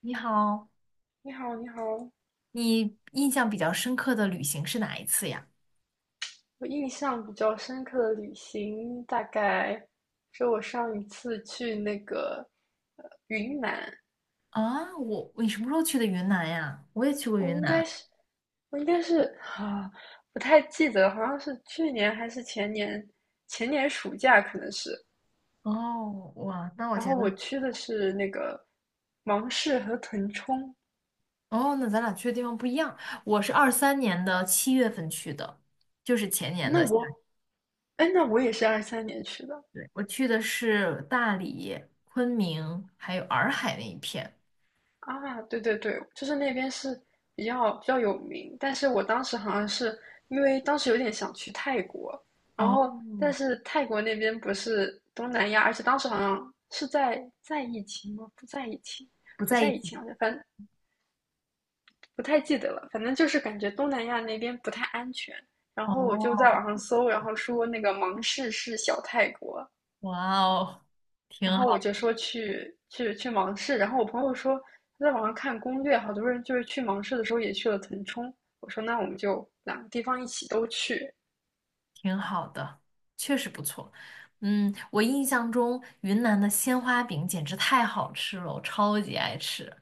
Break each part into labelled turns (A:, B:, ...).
A: 你好，
B: 你好，你好。
A: 你印象比较深刻的旅行是哪一次呀？
B: 我印象比较深刻的旅行，大概是我上一次去那个云南。
A: 啊，我，你什么时候去的云南呀？我也去过
B: 我
A: 云
B: 应
A: 南。
B: 该是，我应该是啊，不太记得了，好像是去年还是前年，前年暑假可能是。
A: 哦，哇，那我
B: 然后
A: 觉得，
B: 我去的是那个芒市和腾冲。
A: 哦，那咱俩去的地方不一样。我是23年的七月份去的，就是前
B: 诶
A: 年
B: 那
A: 的夏天。
B: 我，哎，那我也是23年去的。
A: 对，我去的是大理、昆明还有洱海那一片。
B: 啊，对对对，就是那边是比较有名，但是我当时好像是因为当时有点想去泰国。然
A: 哦，
B: 后但是泰国那边不是东南亚，而且当时好像是在疫情吗？不在疫情。
A: 不
B: 不
A: 在一
B: 在疫情，
A: 起。
B: 好像反正不太记得了，反正就是感觉东南亚那边不太安全。然后我就在
A: 哦，
B: 网上搜，然后说那个芒市是小泰国。
A: 哇哦，挺
B: 然后我
A: 好。
B: 就说去芒市，然后我朋友说他在网上看攻略，好多人就是去芒市的时候也去了腾冲。我说那我们就两个地方一起都去。
A: 挺好的，确实不错。嗯，我印象中云南的鲜花饼简直太好吃了，我超级爱吃。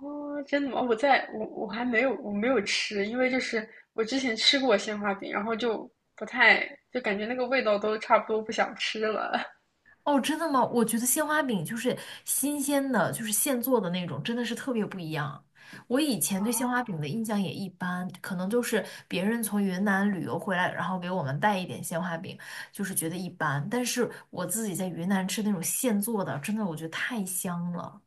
B: 哦，真的吗？我在我我还没有我没有吃，因为就是我之前吃过鲜花饼，然后就不太就感觉那个味道都差不多，不想吃了。
A: 哦，真的吗？我觉得鲜花饼就是新鲜的，就是现做的那种，真的是特别不一样。我以前对鲜
B: 哦
A: 花饼的印象也一般，可能就是别人从云南旅游回来，然后给我们带一点鲜花饼，就是觉得一般。但是我自己在云南吃那种现做的，真的我觉得太香了。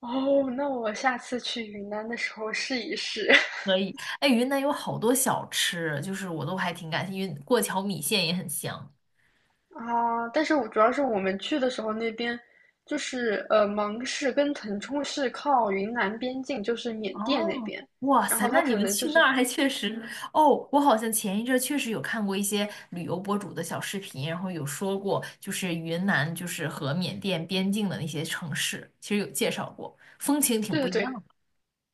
B: 哦，那我下次去云南的时候试一试。
A: 可以。哎，云南有好多小吃，就是我都还挺感兴趣，云过桥米线也很香。
B: 啊，但是我主要是我们去的时候，那边就是芒市跟腾冲是靠云南边境，就是缅甸那
A: 哦，
B: 边。
A: 哇
B: 然
A: 塞，
B: 后它
A: 那你
B: 可
A: 们
B: 能就
A: 去
B: 是，
A: 那儿还确实，哦，我好像前一阵儿确实有看过一些旅游博主的小视频，然后有说过，就是云南就是和缅甸边境的那些城市，其实有介绍过，风情挺不
B: 对
A: 一
B: 对
A: 样
B: 对
A: 的。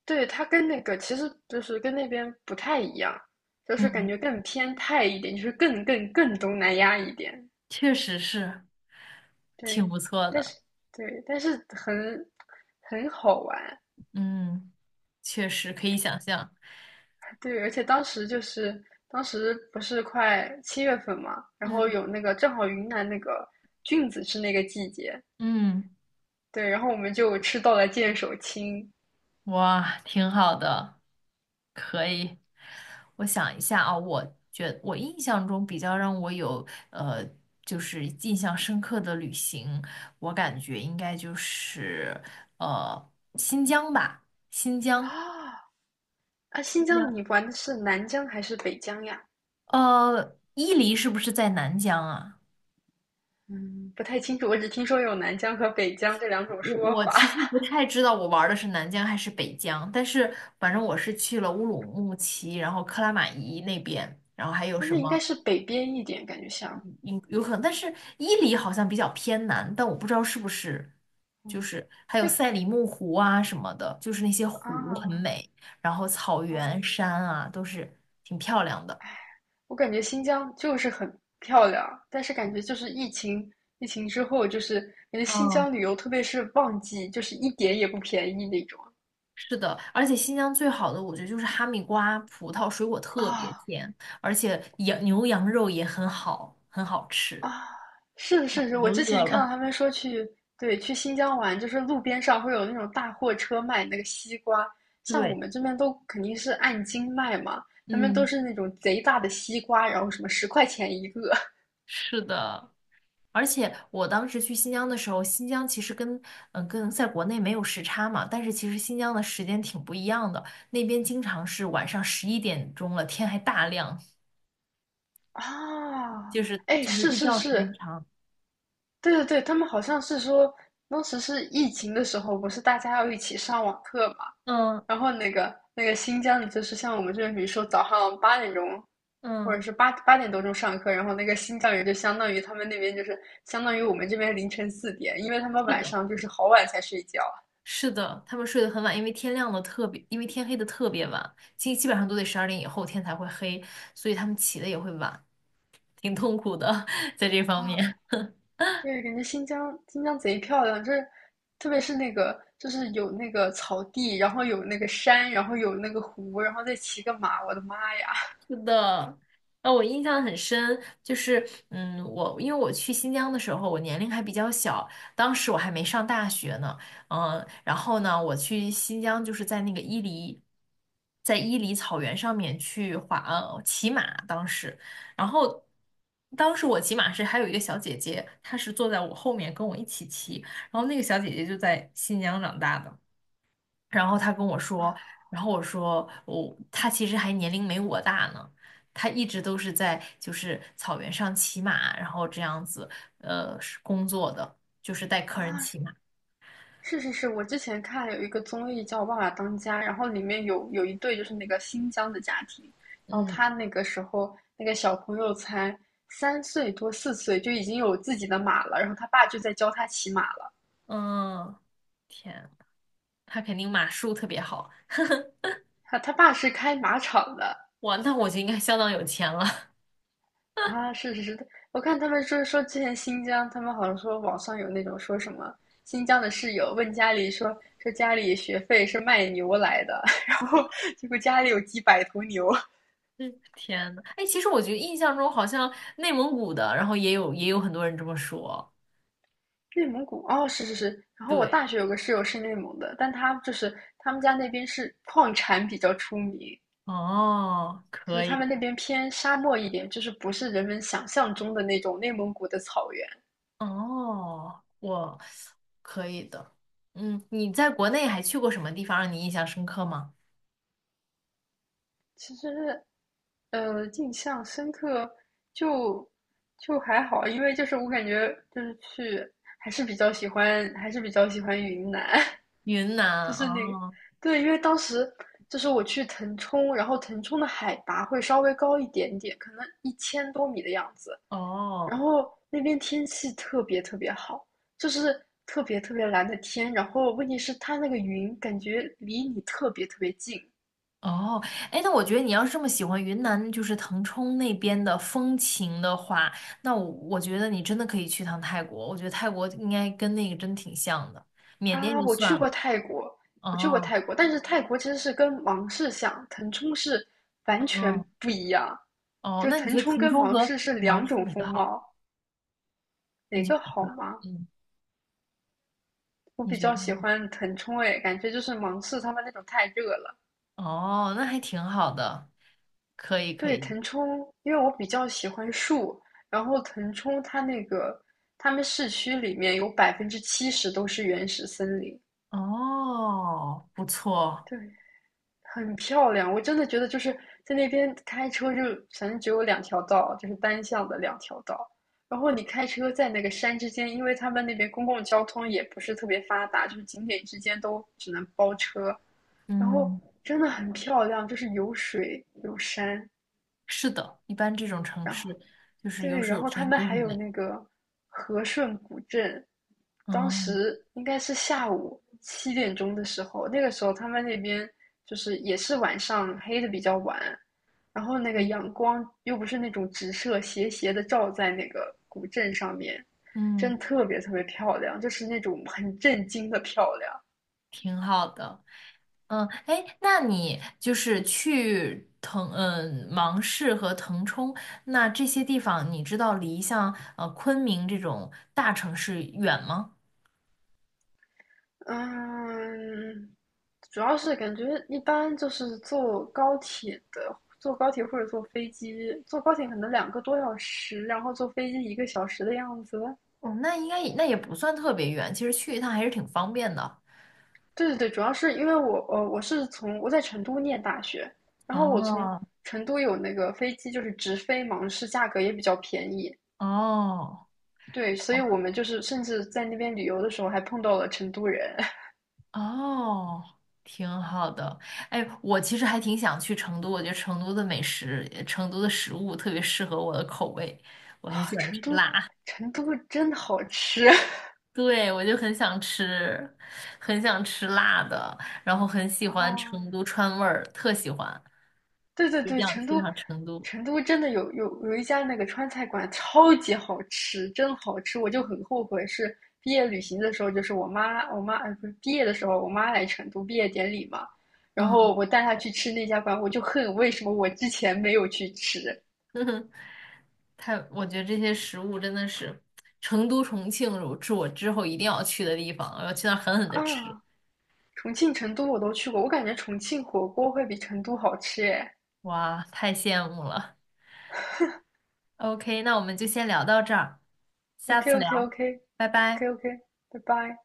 B: 对，它跟那个其实就是跟那边不太一样，就是感
A: 嗯，
B: 觉更偏泰一点，就是更东南亚一点。
A: 确实是挺
B: 对，
A: 不错
B: 但是
A: 的。
B: 对，但是很很好玩。
A: 嗯，确实可以想象。
B: 对，而且当时不是快七月份嘛，然后
A: 嗯
B: 有那个正好云南那个菌子是那个季节。
A: 嗯，
B: 对，然后我们就吃到了剑手青。
A: 哇，挺好的。哎我想一下啊，我印象中比较让我有，就是印象深刻的旅行，我感觉应该就是呃新疆吧，新疆，
B: 啊！啊！新
A: 新
B: 疆
A: 疆，
B: 你玩的是南疆还是北疆呀？
A: 呃，伊犁是不是在南疆啊？
B: 嗯，不太清楚，我只听说有南疆和北疆这两种
A: 我
B: 说
A: 我
B: 法。
A: 其实 不太知道我玩的是南疆还是北疆，但是反正我是去了乌鲁木齐，然后克拉玛依那边，然后还有
B: 啊，
A: 什
B: 那应
A: 么？
B: 该是北边一点，感觉像。
A: 有可能，但是伊犁好像比较偏南，但我不知道是不是，就
B: 嗯。
A: 是还有
B: 那
A: 赛里木湖啊什么的，就是那些湖很
B: 啊，
A: 美，然后草原、
B: 哦。
A: 山啊都是挺漂亮的。
B: 我感觉新疆就是很漂亮，但是感觉就是疫情，疫情之后就是感觉新
A: 嗯，
B: 疆旅游，特别是旺季，就是一点也不便宜那种。
A: 是的，而且新疆最好的我觉得就是哈密瓜、葡萄，水果特别
B: 啊
A: 甜，而且羊牛羊肉也很好，很好吃。
B: 啊，是的，
A: 看
B: 是的，
A: 我都
B: 我之
A: 饿
B: 前看到
A: 了。
B: 他们说去。对，去新疆玩，就是路边上会有那种大货车卖那个西瓜，像我
A: 对，
B: 们这边都肯定是按斤卖嘛，他们都
A: 嗯，
B: 是那种贼大的西瓜，然后什么10块钱一个。
A: 是的。而且我当时去新疆的时候，新疆其实跟嗯、跟在国内没有时差嘛，但是其实新疆的时间挺不一样的，那边经常是晚上11点钟了，天还大亮，
B: 啊，
A: 就是
B: 哎，
A: 就是
B: 是
A: 日
B: 是
A: 照时间
B: 是，
A: 长。
B: 对对对，他们好像是说，当时是疫情的时候，不是大家要一起上网课嘛？
A: 嗯
B: 然后那个新疆的，就是像我们这边，比如说早上8点钟，或者
A: 嗯，
B: 是八点多钟上课。然后那个新疆人就相当于他们那边就是相当于我们这边凌晨4点，因为他们
A: 是
B: 晚
A: 的，
B: 上就是好晚才睡觉
A: 是的，他们睡得很晚，因为天亮的特别，因为天黑的特别晚，基本上都得12点以后天才会黑，所以他们起的也会晚，挺痛苦的，在这方
B: 啊。
A: 面。
B: 对，感觉新疆贼漂亮，就是特别是那个就是有那个草地，然后有那个山，然后有那个湖，然后再骑个马，我的妈呀！
A: 是的，呃，我印象很深，就是，嗯，我因为我去新疆的时候，我年龄还比较小，当时我还没上大学呢，嗯，然后呢，我去新疆就是在那个伊犁，在伊犁草原上面去滑，呃，骑马，当时，然后。当时我骑马是还有一个小姐姐，她是坐在我后面跟我一起骑，然后那个小姐姐就在新疆长大的。然后他跟我说，然后我说我、他其实还年龄没我大呢，他一直都是在就是草原上骑马，然后这样子是工作的，就是带客
B: 啊，
A: 人骑马。
B: 是是是，我之前看有一个综艺叫《爸爸当家》，然后里面有一对就是那个新疆的家庭，然后
A: 嗯
B: 他那个时候那个小朋友才3岁多4岁就已经有自己的马了，然后他爸就在教他骑马了。
A: 嗯，天，他肯定马术特别好，
B: 他爸是开马场的。
A: 哇，那我就应该相当有钱了。
B: 啊，是是是，我看他们说之前新疆，他们好像说网上有那种说什么新疆的室友问家里说说家里学费是卖牛来的，然后结果家里有几百头牛。
A: 嗯，天呐，哎，其实我觉得印象中好像内蒙古的，然后也有很多人这么说。
B: 内蒙古哦，是是是。然后我
A: 对，
B: 大学有个室友是内蒙的，但他就是他们家那边是矿产比较出名，
A: 哦，
B: 就
A: 可
B: 是他
A: 以。
B: 们那边偏沙漠一点，就是不是人们想象中的那种内蒙古的草原。
A: 哦，我可以的。嗯，你在国内还去过什么地方让你印象深刻吗？
B: 其实，印象深刻就就还好，因为就是我感觉就是去还是比较喜欢，云南。
A: 云
B: 就
A: 南，
B: 是那个，
A: 哦
B: 对，因为当时就是我去腾冲，然后腾冲的海拔会稍微高一点点，可能1000多米的样子。然
A: 哦
B: 后那边天气特别特别好，就是特别特别蓝的天。然后问题是它那个云感觉离你特别特别近。
A: 哦，哎，那我觉得你要是这么喜欢云南，就是腾冲那边的风情的话，那我觉得你真的可以去趟泰国。我觉得泰国应该跟那个真挺像的，缅甸
B: 啊！
A: 就
B: 我去
A: 算
B: 过
A: 了。
B: 泰国。
A: 哦
B: 但是泰国其实是跟芒市像，腾冲是完全
A: 哦
B: 不一样，
A: 哦，
B: 就是
A: 那你
B: 腾
A: 觉得
B: 冲
A: 腾
B: 跟
A: 冲
B: 芒
A: 和
B: 市是
A: 芒
B: 两
A: 市
B: 种
A: 哪个
B: 风
A: 好？
B: 貌。
A: 你
B: 哪
A: 觉
B: 个
A: 得哪个
B: 好
A: 好？
B: 吗？
A: 嗯，
B: 我
A: 你
B: 比
A: 觉
B: 较
A: 得？
B: 喜欢腾冲。哎，感觉就是芒市他们那种太热了。
A: 哦，那还挺好的，可以可
B: 对，
A: 以。
B: 腾冲，因为我比较喜欢树，然后腾冲它那个，他们市区里面有70%都是原始森林。
A: 哦，不错，
B: 对，很漂亮，我真的觉得就是在那边开车就反正只有两条道，就是单向的两条道。然后你开车在那个山之间，因为他们那边公共交通也不是特别发达，就是景点之间都只能包车。然后
A: 嗯，
B: 真的很漂亮，就是有水有山，
A: 是的，一般这种城
B: 然后。
A: 市就是有
B: 对，
A: 水
B: 然
A: 有
B: 后他
A: 山
B: 们
A: 都很
B: 还有
A: 美。
B: 那个和顺古镇，当
A: 嗯
B: 时应该是下午7点钟的时候，那个时候他们那边就是也是晚上黑的比较晚，然后那个
A: 嗯，
B: 阳光又不是那种直射斜斜的照在那个古镇上面，真
A: 嗯
B: 的特别特别漂亮，就是那种很震惊的漂亮。
A: 挺好的。嗯，哎，那你就是去芒市和腾冲，那这些地方你知道离像昆明这种大城市远吗？
B: 嗯，主要是感觉一般就是坐高铁的，坐高铁或者坐飞机，坐高铁可能2个多小时，然后坐飞机1个小时的样子。
A: 哦，那应该也那也不算特别远，其实去一趟还是挺方便的。
B: 对对对，主要是因为我呃我是从我在成都念大学，然后我从
A: 哦
B: 成都有那个飞机就是直飞芒市，价格也比较便宜。
A: 哦，
B: 对，所以我们就是甚至在那边旅游的时候还碰到了成都人。
A: 哦，挺好的。哎，我其实还挺想去成都，我觉得成都的美食、成都的食物特别适合我的口味，我很
B: 啊，
A: 喜欢吃
B: 成都
A: 辣。
B: 成都真好吃。
A: 对，我就很想吃，很想吃辣的，然后很喜 欢
B: 啊。
A: 成都川味儿，特喜欢，
B: 对对
A: 一
B: 对，
A: 定要
B: 成
A: 去
B: 都，
A: 趟成都。
B: 成都真的有一家那个川菜馆，超级好吃，真好吃。我就很后悔，是毕业旅行的时候，就是我妈，不是毕业的时候，我妈来成都毕业典礼嘛，然
A: 嗯，
B: 后我带她去吃那家馆，我就恨为什么我之前没有去吃。
A: 太，我觉得这些食物真的是成都、重庆是我之后一定要去的地方，我要去那儿狠狠的吃。
B: 啊。重庆、成都我都去过，我感觉重庆火锅会比成都好吃耶。
A: 哇，太羡慕了。OK，那我们就先聊到这儿，下
B: OK
A: 次聊，
B: OK OK
A: 拜
B: OK
A: 拜。
B: OK，拜拜。